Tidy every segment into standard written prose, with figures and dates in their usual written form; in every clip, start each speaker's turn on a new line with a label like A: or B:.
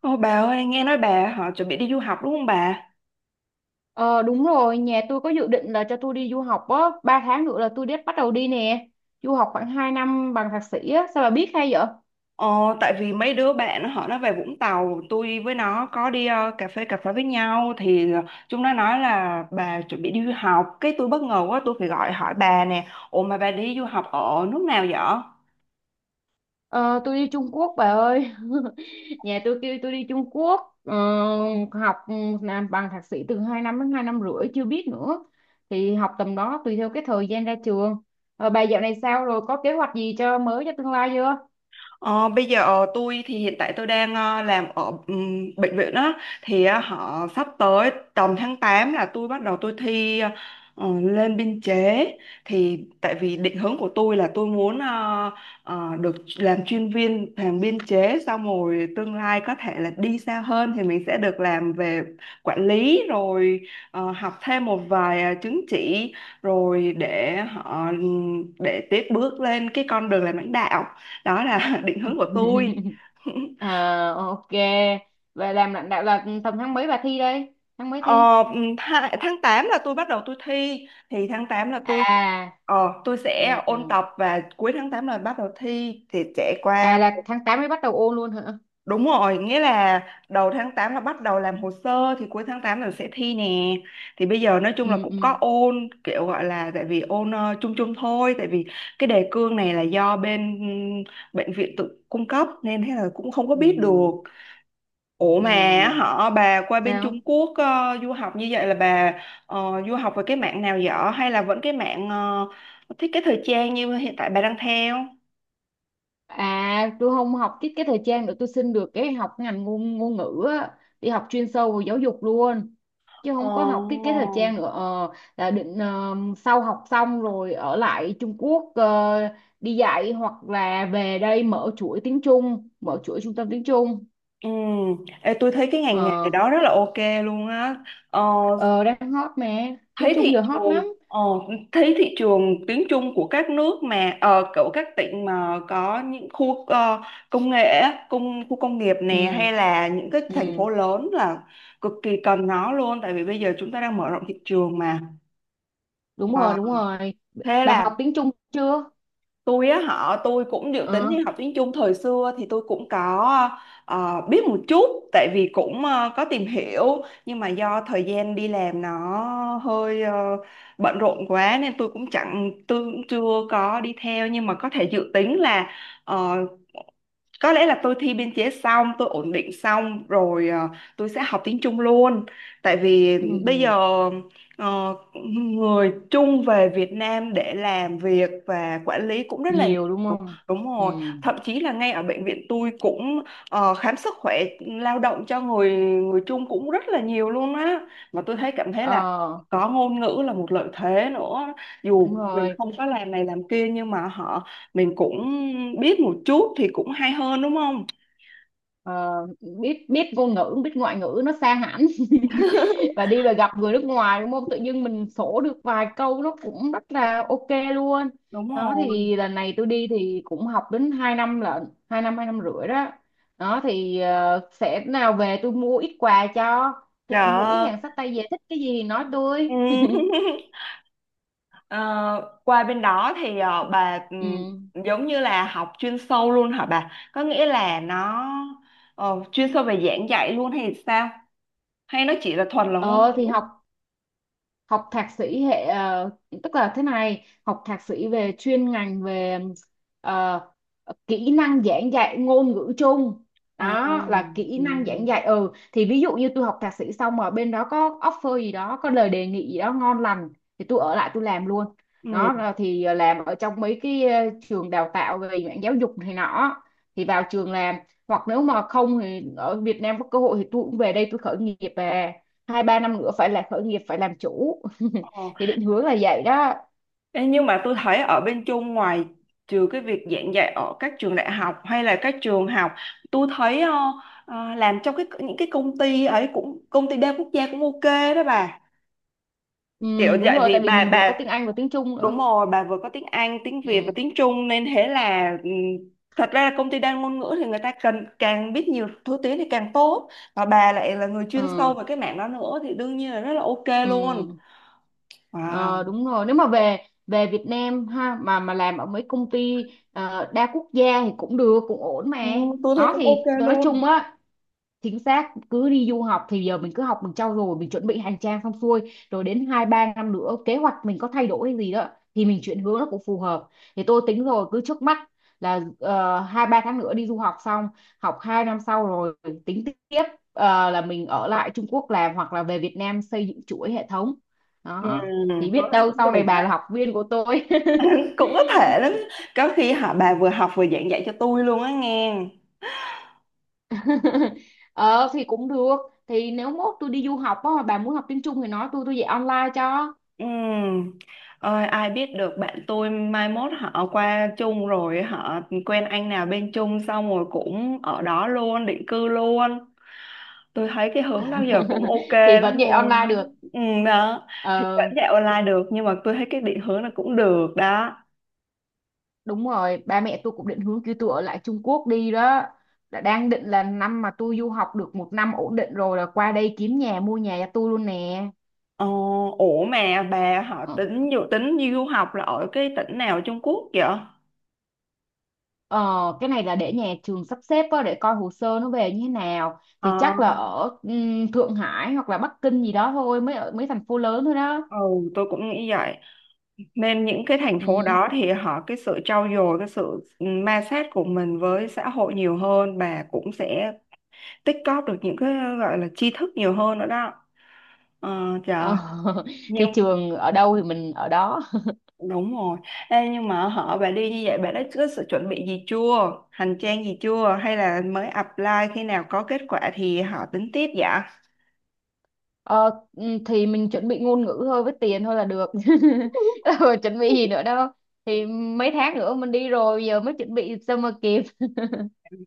A: Ô bà ơi, nghe nói bà họ chuẩn bị đi du học đúng không bà?
B: Ờ, đúng rồi, nhà tôi có dự định là cho tôi đi du học á, 3 tháng nữa là tôi đã bắt đầu đi nè. Du học khoảng 2 năm bằng thạc sĩ á, sao bà biết hay vậy?
A: Ờ, Tại vì mấy đứa bạn nó về Vũng Tàu, tôi với nó có đi cà phê với nhau thì chúng nó nói là bà chuẩn bị đi du học, cái tôi bất ngờ quá tôi phải gọi hỏi bà nè. Ủa mà bà đi du học ở nước nào vậy?
B: Ờ, tôi đi Trung Quốc bà ơi. Nhà tôi kêu tôi đi Trung Quốc, học, làm bằng thạc sĩ từ 2 năm đến 2 năm rưỡi chưa biết nữa. Thì học tầm đó tùy theo cái thời gian ra trường. Ờ, bà dạo này sao rồi, có kế hoạch gì cho mới cho tương lai chưa?
A: Ờ, Bây giờ tôi thì hiện tại tôi đang làm ở bệnh viện á, thì họ sắp tới tầm tháng 8 là tôi bắt đầu tôi thi lên biên chế. Thì tại vì định hướng của tôi là tôi muốn được làm chuyên viên, làm biên chế xong rồi tương lai có thể là đi xa hơn thì mình sẽ được làm về quản lý, rồi học thêm một vài chứng chỉ rồi để họ để tiếp bước lên cái con đường làm lãnh đạo, đó là định hướng của tôi.
B: À, ok. Và làm lãnh đạo là tầm tháng mấy bà thi đây? Tháng mấy
A: Ờ,
B: thi?
A: Tháng 8 là tôi bắt đầu tôi thi, thì tháng 8 là tôi
B: À.
A: ờ, tôi
B: Ừ,
A: sẽ ôn
B: ừ.
A: tập và cuối tháng 8 là bắt đầu thi thì sẽ qua.
B: À, là tháng 8 mới bắt đầu ôn luôn hả?
A: Đúng rồi, nghĩa là đầu tháng 8 là bắt đầu làm hồ sơ thì cuối tháng tám là sẽ thi nè. Thì bây giờ nói chung là
B: Ừ,
A: cũng có
B: ừ,
A: ôn, kiểu gọi là, tại vì ôn chung chung thôi, tại vì cái đề cương này là do bên bệnh viện tự cung cấp nên thế là cũng không có biết được.
B: ừ,
A: Ủa mà
B: ừ.
A: họ bà qua bên Trung
B: Sao?
A: Quốc du học như vậy là bà du học về cái mạng nào dở hay là vẫn cái mạng thiết kế thời trang như hiện tại bà đang theo?
B: À, tôi không học thiết kế thời trang nữa, tôi xin được cái học ngành ngôn ngôn ngữ á, đi học chuyên sâu về giáo dục luôn chứ
A: Ồ.
B: không có học thiết kế thời trang nữa, là định, sau học xong rồi ở lại Trung Quốc, đi dạy hoặc là về đây mở chuỗi trung tâm tiếng Trung.
A: Ừ. Ê, tôi thấy cái ngành nghề
B: ờ,
A: đó rất là ok luôn á. Ờ,
B: ờ Đang hot mà, tiếng
A: thấy
B: Trung
A: thị
B: giờ hot
A: trường
B: lắm.
A: ờ, Thấy thị trường tiếng Trung của các nước mà ở kiểu các tỉnh mà có những khu công nghệ á, khu công nghiệp nè
B: Ừ,
A: hay là những cái thành phố
B: ừ,
A: lớn là cực kỳ cần nó luôn, tại vì bây giờ chúng ta đang mở rộng thị trường mà.
B: đúng rồi,
A: Wow.
B: đúng rồi.
A: Thế
B: Bà
A: là
B: học tiếng Trung chưa?
A: tôi á họ tôi cũng dự tính
B: Ờ.
A: đi học tiếng Trung. Thời xưa thì tôi cũng có biết một chút, tại vì cũng có tìm hiểu, nhưng mà do thời gian đi làm nó hơi bận rộn quá nên tôi cũng chưa có đi theo, nhưng mà có thể dự tính là ờ, có lẽ là tôi thi biên chế xong, tôi ổn định xong rồi tôi sẽ học tiếng Trung luôn, tại vì bây giờ
B: Ừ.
A: ờ, người Trung về Việt Nam để làm việc và quản lý cũng rất là.
B: Nhiều đúng không?
A: Đúng
B: Ừ.
A: rồi, thậm chí là ngay ở bệnh viện tôi cũng khám sức khỏe lao động cho người người Trung cũng rất là nhiều luôn á. Mà tôi cảm thấy là
B: Ờ,
A: có ngôn ngữ là một lợi thế nữa.
B: đúng
A: Dù mình
B: rồi.
A: không có làm này làm kia nhưng mà họ mình cũng biết một chút thì cũng hay hơn đúng không?
B: Ờ, biết biết ngôn ngữ, biết ngoại ngữ nó xa hẳn. Và gặp người nước ngoài đúng không, tự dưng mình sổ được vài câu nó cũng rất là ok luôn.
A: Đúng
B: Đó
A: rồi.
B: thì lần này tôi đi thì cũng học đến 2 năm lận, 2 năm, 2 năm rưỡi đó. Đó thì sẽ nào về tôi mua ít quà cho mũi
A: Dạ.
B: hàng xách tay về, thích cái gì thì nói
A: Ừ.
B: tôi.
A: Ờ, qua bên đó thì bà
B: Ừ.
A: giống như là học chuyên sâu luôn hả bà? Có nghĩa là nó chuyên sâu về giảng dạy luôn hay sao? Hay nó chỉ là thuần là ngôn
B: ờ thì
A: ngữ?
B: học học thạc sĩ hệ, tức là thế này, học thạc sĩ về chuyên ngành về, ờ, kỹ năng giảng dạy ngôn ngữ chung.
A: Ờ,
B: Đó là kỹ năng giảng
A: ừm,
B: dạy, thì ví dụ như tôi học thạc sĩ xong mà bên đó có offer gì đó, có lời đề nghị gì đó ngon lành thì tôi ở lại tôi làm luôn.
A: ừm,
B: Đó là thì làm ở trong mấy cái, trường đào tạo về mảng giáo dục này nọ thì vào trường làm. Hoặc nếu mà không thì ở Việt Nam có cơ hội thì tôi cũng về đây tôi khởi nghiệp, về 2-3 năm nữa phải là khởi nghiệp phải làm chủ.
A: ờ.
B: Thì định hướng là vậy đó.
A: Ê, nhưng mà tôi thấy ở bên Trung, ngoài trừ cái việc giảng dạy ở các trường đại học hay là các trường học, tôi thấy làm trong những cái công ty ấy, cũng công ty đa quốc gia cũng ok đó bà.
B: Ừ,
A: Kiểu
B: đúng
A: vậy
B: rồi,
A: vì
B: tại vì
A: bà
B: mình vừa có
A: bà
B: tiếng Anh và tiếng Trung
A: Đúng
B: nữa.
A: rồi, bà vừa có tiếng Anh, tiếng Việt và
B: Ừ,
A: tiếng Trung nên thế là thật ra là công ty đa ngôn ngữ thì người ta cần càng biết nhiều thứ tiếng thì càng tốt. Và bà lại là người chuyên sâu
B: ừ,
A: về cái mảng đó nữa thì đương nhiên là rất là ok
B: ừ.
A: luôn. Wow.
B: Ờ, đúng rồi, nếu mà về về Việt Nam ha, mà làm ở mấy công ty, đa quốc gia thì cũng được, cũng ổn mà.
A: Ừ, tôi thấy
B: Đó
A: cũng ok
B: thì tôi nói
A: luôn.
B: chung á, chính xác cứ đi du học thì giờ mình cứ học, mình trau dồi, mình chuẩn bị hành trang xong xuôi rồi đến 2-3 năm nữa kế hoạch mình có thay đổi hay gì đó thì mình chuyển hướng nó cũng phù hợp. Thì tôi tính rồi, cứ trước mắt là, 2-3 tháng nữa đi du học xong, học 2 năm sau rồi tính tiếp, là mình ở lại Trung Quốc làm hoặc là về Việt Nam xây dựng chuỗi hệ thống
A: Ừ,
B: đó. Thì
A: tôi
B: biết
A: thấy
B: đâu
A: cũng
B: sau
A: được
B: này
A: đó.
B: bà là học viên của tôi.
A: Cũng có thể lắm. Có khi họ bà vừa học vừa giảng dạy cho tôi luôn á nghe.
B: Ờ thì cũng được, thì nếu mốt tôi đi du học á mà bà muốn học tiếng Trung thì nói tôi dạy online cho.
A: Ừ. Ơi, ai biết được, bạn tôi mai mốt họ qua chung rồi họ quen anh nào bên chung xong rồi cũng ở đó luôn, định cư luôn. Tôi thấy cái hướng đó giờ cũng ok
B: Thì vẫn
A: lắm
B: dạy
A: luôn
B: online
A: á.
B: được.
A: ừ, Đó thì
B: Ờ,
A: vẫn dạy online được nhưng mà tôi thấy cái định hướng là cũng được đó.
B: đúng rồi, ba mẹ tôi cũng định hướng kêu tôi ở lại Trung Quốc đi đó, đã đang định là năm mà tôi du học được một năm ổn định rồi là qua đây kiếm nhà mua nhà cho tôi luôn nè.
A: ờ, Ủa mà bà họ dự tính đi du học là ở cái tỉnh nào ở Trung Quốc vậy?
B: Ờ, cái này là để nhà trường sắp xếp á, để coi hồ sơ nó về như thế nào thì
A: ờ
B: chắc là ở, Thượng Hải hoặc là Bắc Kinh gì đó thôi, mấy ở mấy thành phố lớn thôi đó.
A: ừ tôi cũng nghĩ vậy, nên những cái thành phố
B: Ừ.
A: đó thì họ cái sự trau dồi, cái sự ma sát của mình với xã hội nhiều hơn và cũng sẽ tích cóp được những cái gọi là tri thức nhiều hơn nữa đó. ờ, Trời,
B: Ờ. Thì
A: nhưng
B: trường ở đâu thì mình ở đó.
A: đúng rồi. Ê, nhưng mà họ bà đi như vậy, bà đã có sự chuẩn bị gì chưa, hành trang gì chưa hay là mới apply, khi nào có kết quả thì họ tính tiếp dạ.
B: Ờ, thì mình chuẩn bị ngôn ngữ thôi với tiền thôi là được. Ờ, chuẩn bị gì nữa đâu, thì mấy tháng nữa mình đi rồi giờ mới chuẩn bị sao mà kịp.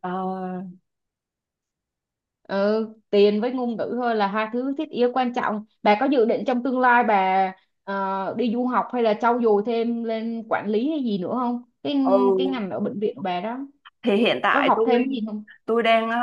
A: Ờ,
B: Ừ, tiền với ngôn ngữ thôi là hai thứ thiết yếu quan trọng. Bà có dự định trong tương lai bà, đi du học hay là trau dồi thêm lên quản lý hay gì nữa không, cái cái
A: ừ
B: ngành ở bệnh viện của bà đó
A: thì hiện
B: có
A: tại
B: học
A: tôi
B: thêm cái gì không?
A: tôi đang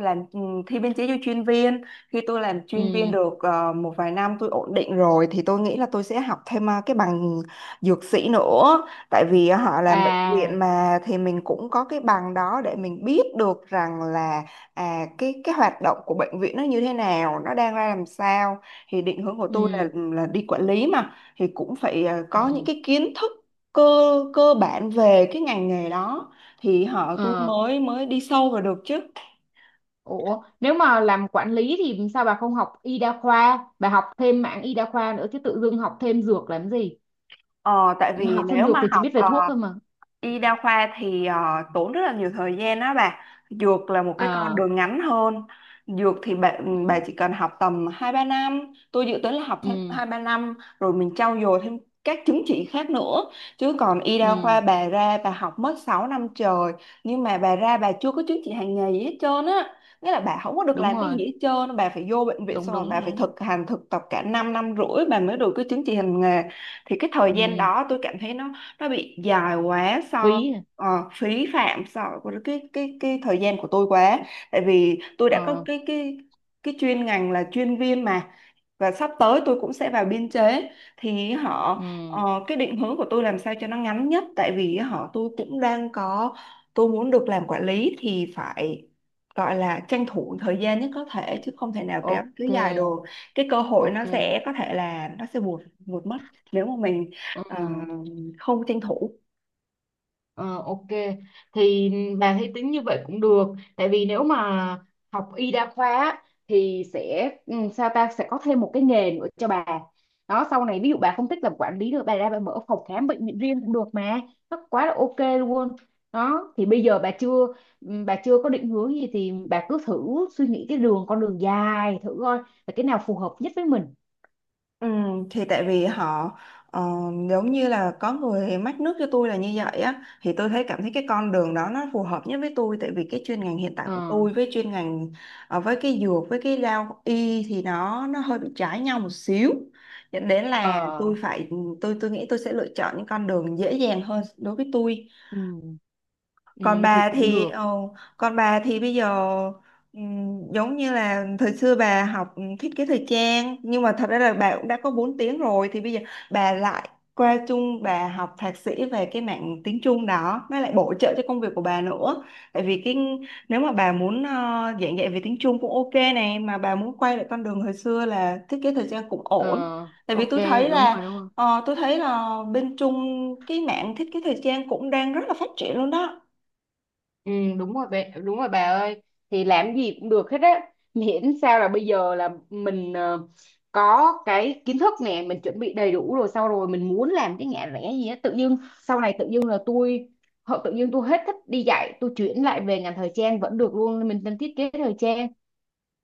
A: làm, thi biên chế cho chuyên viên. Khi tôi làm chuyên viên
B: Ừ.
A: được một vài năm tôi ổn định rồi thì tôi nghĩ là tôi sẽ học thêm cái bằng dược sĩ nữa, tại vì họ làm bệnh viện
B: À.
A: mà thì mình cũng có cái bằng đó để mình biết được rằng là cái hoạt động của bệnh viện nó như thế nào, nó đang ra làm sao. Thì định hướng của tôi là
B: Ừ.
A: là đi quản lý mà, thì cũng phải có những
B: Ừ.
A: cái kiến thức cơ cơ bản về cái ngành nghề đó thì họ tôi
B: Ờ.
A: mới mới đi sâu vào được chứ.
B: Ủa, nếu mà làm quản lý thì sao bà không học y đa khoa, bà học thêm mảng y đa khoa nữa chứ tự dưng học thêm dược làm gì?
A: Ờ, Tại vì
B: Học thêm
A: nếu
B: dược
A: mà
B: thì chỉ
A: học
B: biết về thuốc thôi mà.
A: y đa khoa thì tốn rất là nhiều thời gian đó bà. Dược là một cái con
B: Ờ,
A: đường ngắn hơn. Dược thì bà, ừ,
B: ừ,
A: bà chỉ cần học tầm hai ba năm. Tôi dự tính là học thêm
B: ừ,
A: hai ba năm rồi mình trau dồi thêm các chứng chỉ khác nữa. Chứ còn y đa
B: ừ,
A: khoa bà ra bà học mất 6 năm trời. Nhưng mà bà ra bà chưa có chứng chỉ hành nghề gì hết trơn á. Nghĩa là bà không có được
B: đúng
A: làm cái
B: rồi,
A: gì hết trơn. Bà phải vô bệnh viện
B: đúng
A: xong rồi
B: đúng
A: bà phải
B: đúng.
A: thực hành thực tập cả 5 năm năm rưỡi bà mới được cái chứng chỉ hành nghề. Thì cái thời gian
B: Ừ,
A: đó tôi cảm thấy nó bị dài quá,
B: phí. À?
A: phí phạm so với cái thời gian của tôi quá, tại vì tôi đã có
B: Ờ,
A: cái chuyên ngành là chuyên viên mà, và sắp tới tôi cũng sẽ vào biên chế thì họ
B: ừ,
A: cái định hướng của tôi làm sao cho nó ngắn nhất, tại vì họ tôi cũng đang có, tôi muốn được làm quản lý thì phải gọi là tranh thủ thời gian nhất có thể, chứ không thể nào kéo cứ
B: ok,
A: dài đồ, cái cơ hội nó
B: ok.
A: sẽ có thể là nó sẽ buột buột mất nếu mà mình
B: Ừ.
A: ờ, không tranh thủ.
B: Ờ, ok, thì bà thấy tính như vậy cũng được, tại vì nếu mà học y đa khoa á, thì sẽ, sao ta, sẽ có thêm một cái nghề nữa cho bà đó. Sau này ví dụ bà không thích làm quản lý nữa, bà ra bà mở phòng khám bệnh viện riêng cũng được mà, nó quá là ok luôn. Đó thì bây giờ bà chưa, ừ, bà chưa có định hướng gì thì bà cứ thử suy nghĩ cái đường con đường dài thử coi là cái nào phù hợp nhất với mình.
A: Ừ, thì tại vì họ ờ, giống như là có người mách nước cho tôi là như vậy á, thì tôi cảm thấy cái con đường đó nó phù hợp nhất với tôi, tại vì cái chuyên ngành hiện tại
B: Ờ.
A: của tôi với chuyên ngành với cái dược với cái lao y thì nó hơi bị trái nhau một xíu, dẫn đến là tôi
B: Ờ.
A: phải tôi tôi nghĩ tôi sẽ lựa chọn những con đường dễ dàng hơn đối với tôi.
B: Ừ. Ừ,
A: còn
B: thì
A: bà
B: cũng
A: thì
B: được.
A: ờ, Còn bà thì bây giờ giống như là thời xưa bà học thiết kế thời trang, nhưng mà thật ra là bà cũng đã có 4 tiếng rồi, thì bây giờ bà lại qua Trung bà học thạc sĩ về cái mảng tiếng Trung đó, nó lại bổ trợ cho công việc của bà nữa. Tại vì cái, nếu mà bà muốn giảng dạy về tiếng Trung cũng ok này, mà bà muốn quay lại con đường hồi xưa là thiết kế thời trang cũng
B: Ờ,
A: ổn, tại vì
B: ok,
A: tôi thấy
B: đúng
A: là,
B: rồi, đúng rồi.
A: Ờ, tôi thấy là bên Trung cái mảng thiết kế thời trang cũng đang rất là phát triển luôn đó.
B: Ừ, đúng rồi bé, đúng rồi bà ơi, thì làm gì cũng được hết á, miễn sao là bây giờ là mình, có cái kiến thức nè, mình chuẩn bị đầy đủ rồi, sau rồi mình muốn làm cái ngã rẽ gì á tự dưng sau này tự dưng là tôi họ tự dưng tôi hết thích đi dạy, tôi chuyển lại về ngành thời trang vẫn được luôn, mình đang thiết kế thời trang.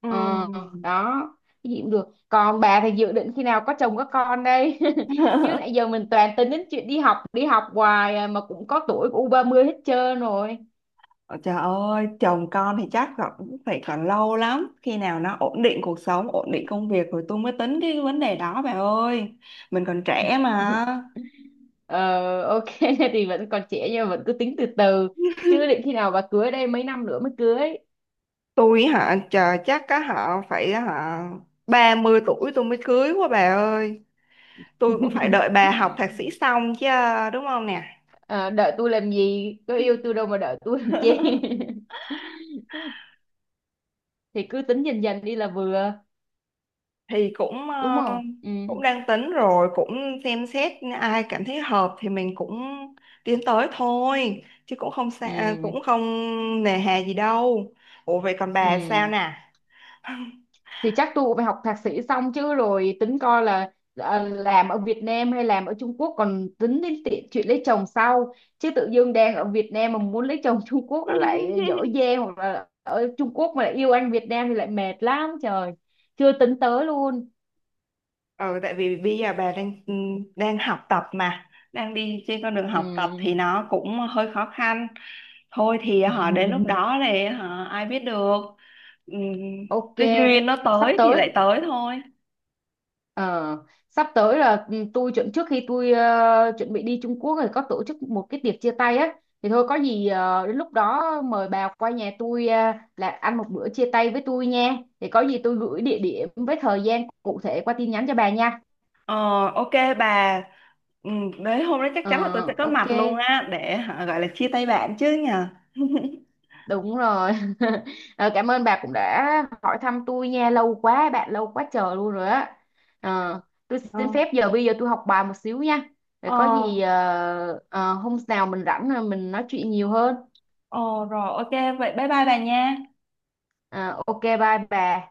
A: Ừ.
B: Ờ, đó. Cái gì cũng được. Còn bà thì dự định khi nào có chồng có con đây? Chứ nãy giờ mình toàn tính đến chuyện đi học hoài à, mà cũng có tuổi của u 30 hết trơn rồi.
A: Ôi Trời ơi, chồng con thì chắc còn cũng phải còn lâu lắm. Khi nào nó ổn định cuộc sống, ổn định công việc rồi tôi mới tính cái vấn đề đó bà ơi. Mình còn trẻ mà.
B: Ờ, ok. Thì vẫn còn trẻ nhưng mà vẫn cứ tính từ từ, chứ định khi nào bà cưới đây, mấy năm nữa mới cưới?
A: Tôi hả, chờ chắc á họ phải hả, 30 tuổi tôi mới cưới quá bà ơi. Tôi cũng phải đợi bà học thạc sĩ xong chứ, đúng không nè?
B: Ờ, đợi tôi làm gì, có yêu tôi đâu mà đợi tôi làm chi. Thì cứ tính dần dần đi là vừa,
A: Thì cũng
B: đúng
A: ờ,
B: không? Ừ.
A: cũng đang tính rồi, cũng xem xét ai cảm thấy hợp thì mình cũng tiến tới thôi, chứ cũng không xa,
B: Ừ.
A: à, cũng không nề hà gì đâu. Ủa vậy còn bà sao
B: Ừ.
A: nè?
B: Thì chắc tôi cũng phải học thạc sĩ xong chứ, rồi tính coi là, làm ở Việt Nam hay làm ở Trung Quốc, còn tính đến chuyện lấy chồng sau. Chứ tự dưng đang ở Việt Nam mà muốn lấy chồng, Trung Quốc nó lại dở dang, hoặc là ở Trung Quốc mà lại yêu anh Việt Nam thì lại mệt lắm trời. Chưa tính tới luôn.
A: Ừ Tại vì bây giờ bà đang đang học tập mà, đang đi trên con đường
B: Ừ.
A: học tập thì nó cũng hơi khó khăn, thôi thì họ đến lúc đó thì họ ai biết được. Ừm,
B: Ok.
A: cái duyên nó
B: Sắp
A: tới thì
B: tới.
A: lại tới thôi.
B: Ờ, sắp tới là, tôi chuẩn trước khi tôi, chuẩn bị đi Trung Quốc rồi có tổ chức một cái tiệc chia tay á, thì thôi có gì, đến lúc đó mời bà qua nhà tôi, là ăn một bữa chia tay với tôi nha, thì có gì tôi gửi địa điểm với thời gian cụ thể qua tin nhắn cho bà nha.
A: Ờ, ok bà, ừ, đến hôm đó chắc chắn là tôi sẽ
B: Ờ,
A: có
B: ok.
A: mặt luôn á, để hả, gọi là chia tay bạn chứ nhờ.
B: Đúng rồi. Ờ, cảm ơn bà cũng đã hỏi thăm tôi nha, lâu quá bạn, lâu quá chờ luôn rồi á. Ờ, tôi xin
A: Ờ,
B: phép bây giờ tôi học bài một xíu nha. Để
A: ờ,
B: có gì, hôm nào mình rảnh rồi mình nói chuyện nhiều hơn.
A: ờ, Rồi ok vậy bye bye bà nha.
B: Ờ, ok bye bà.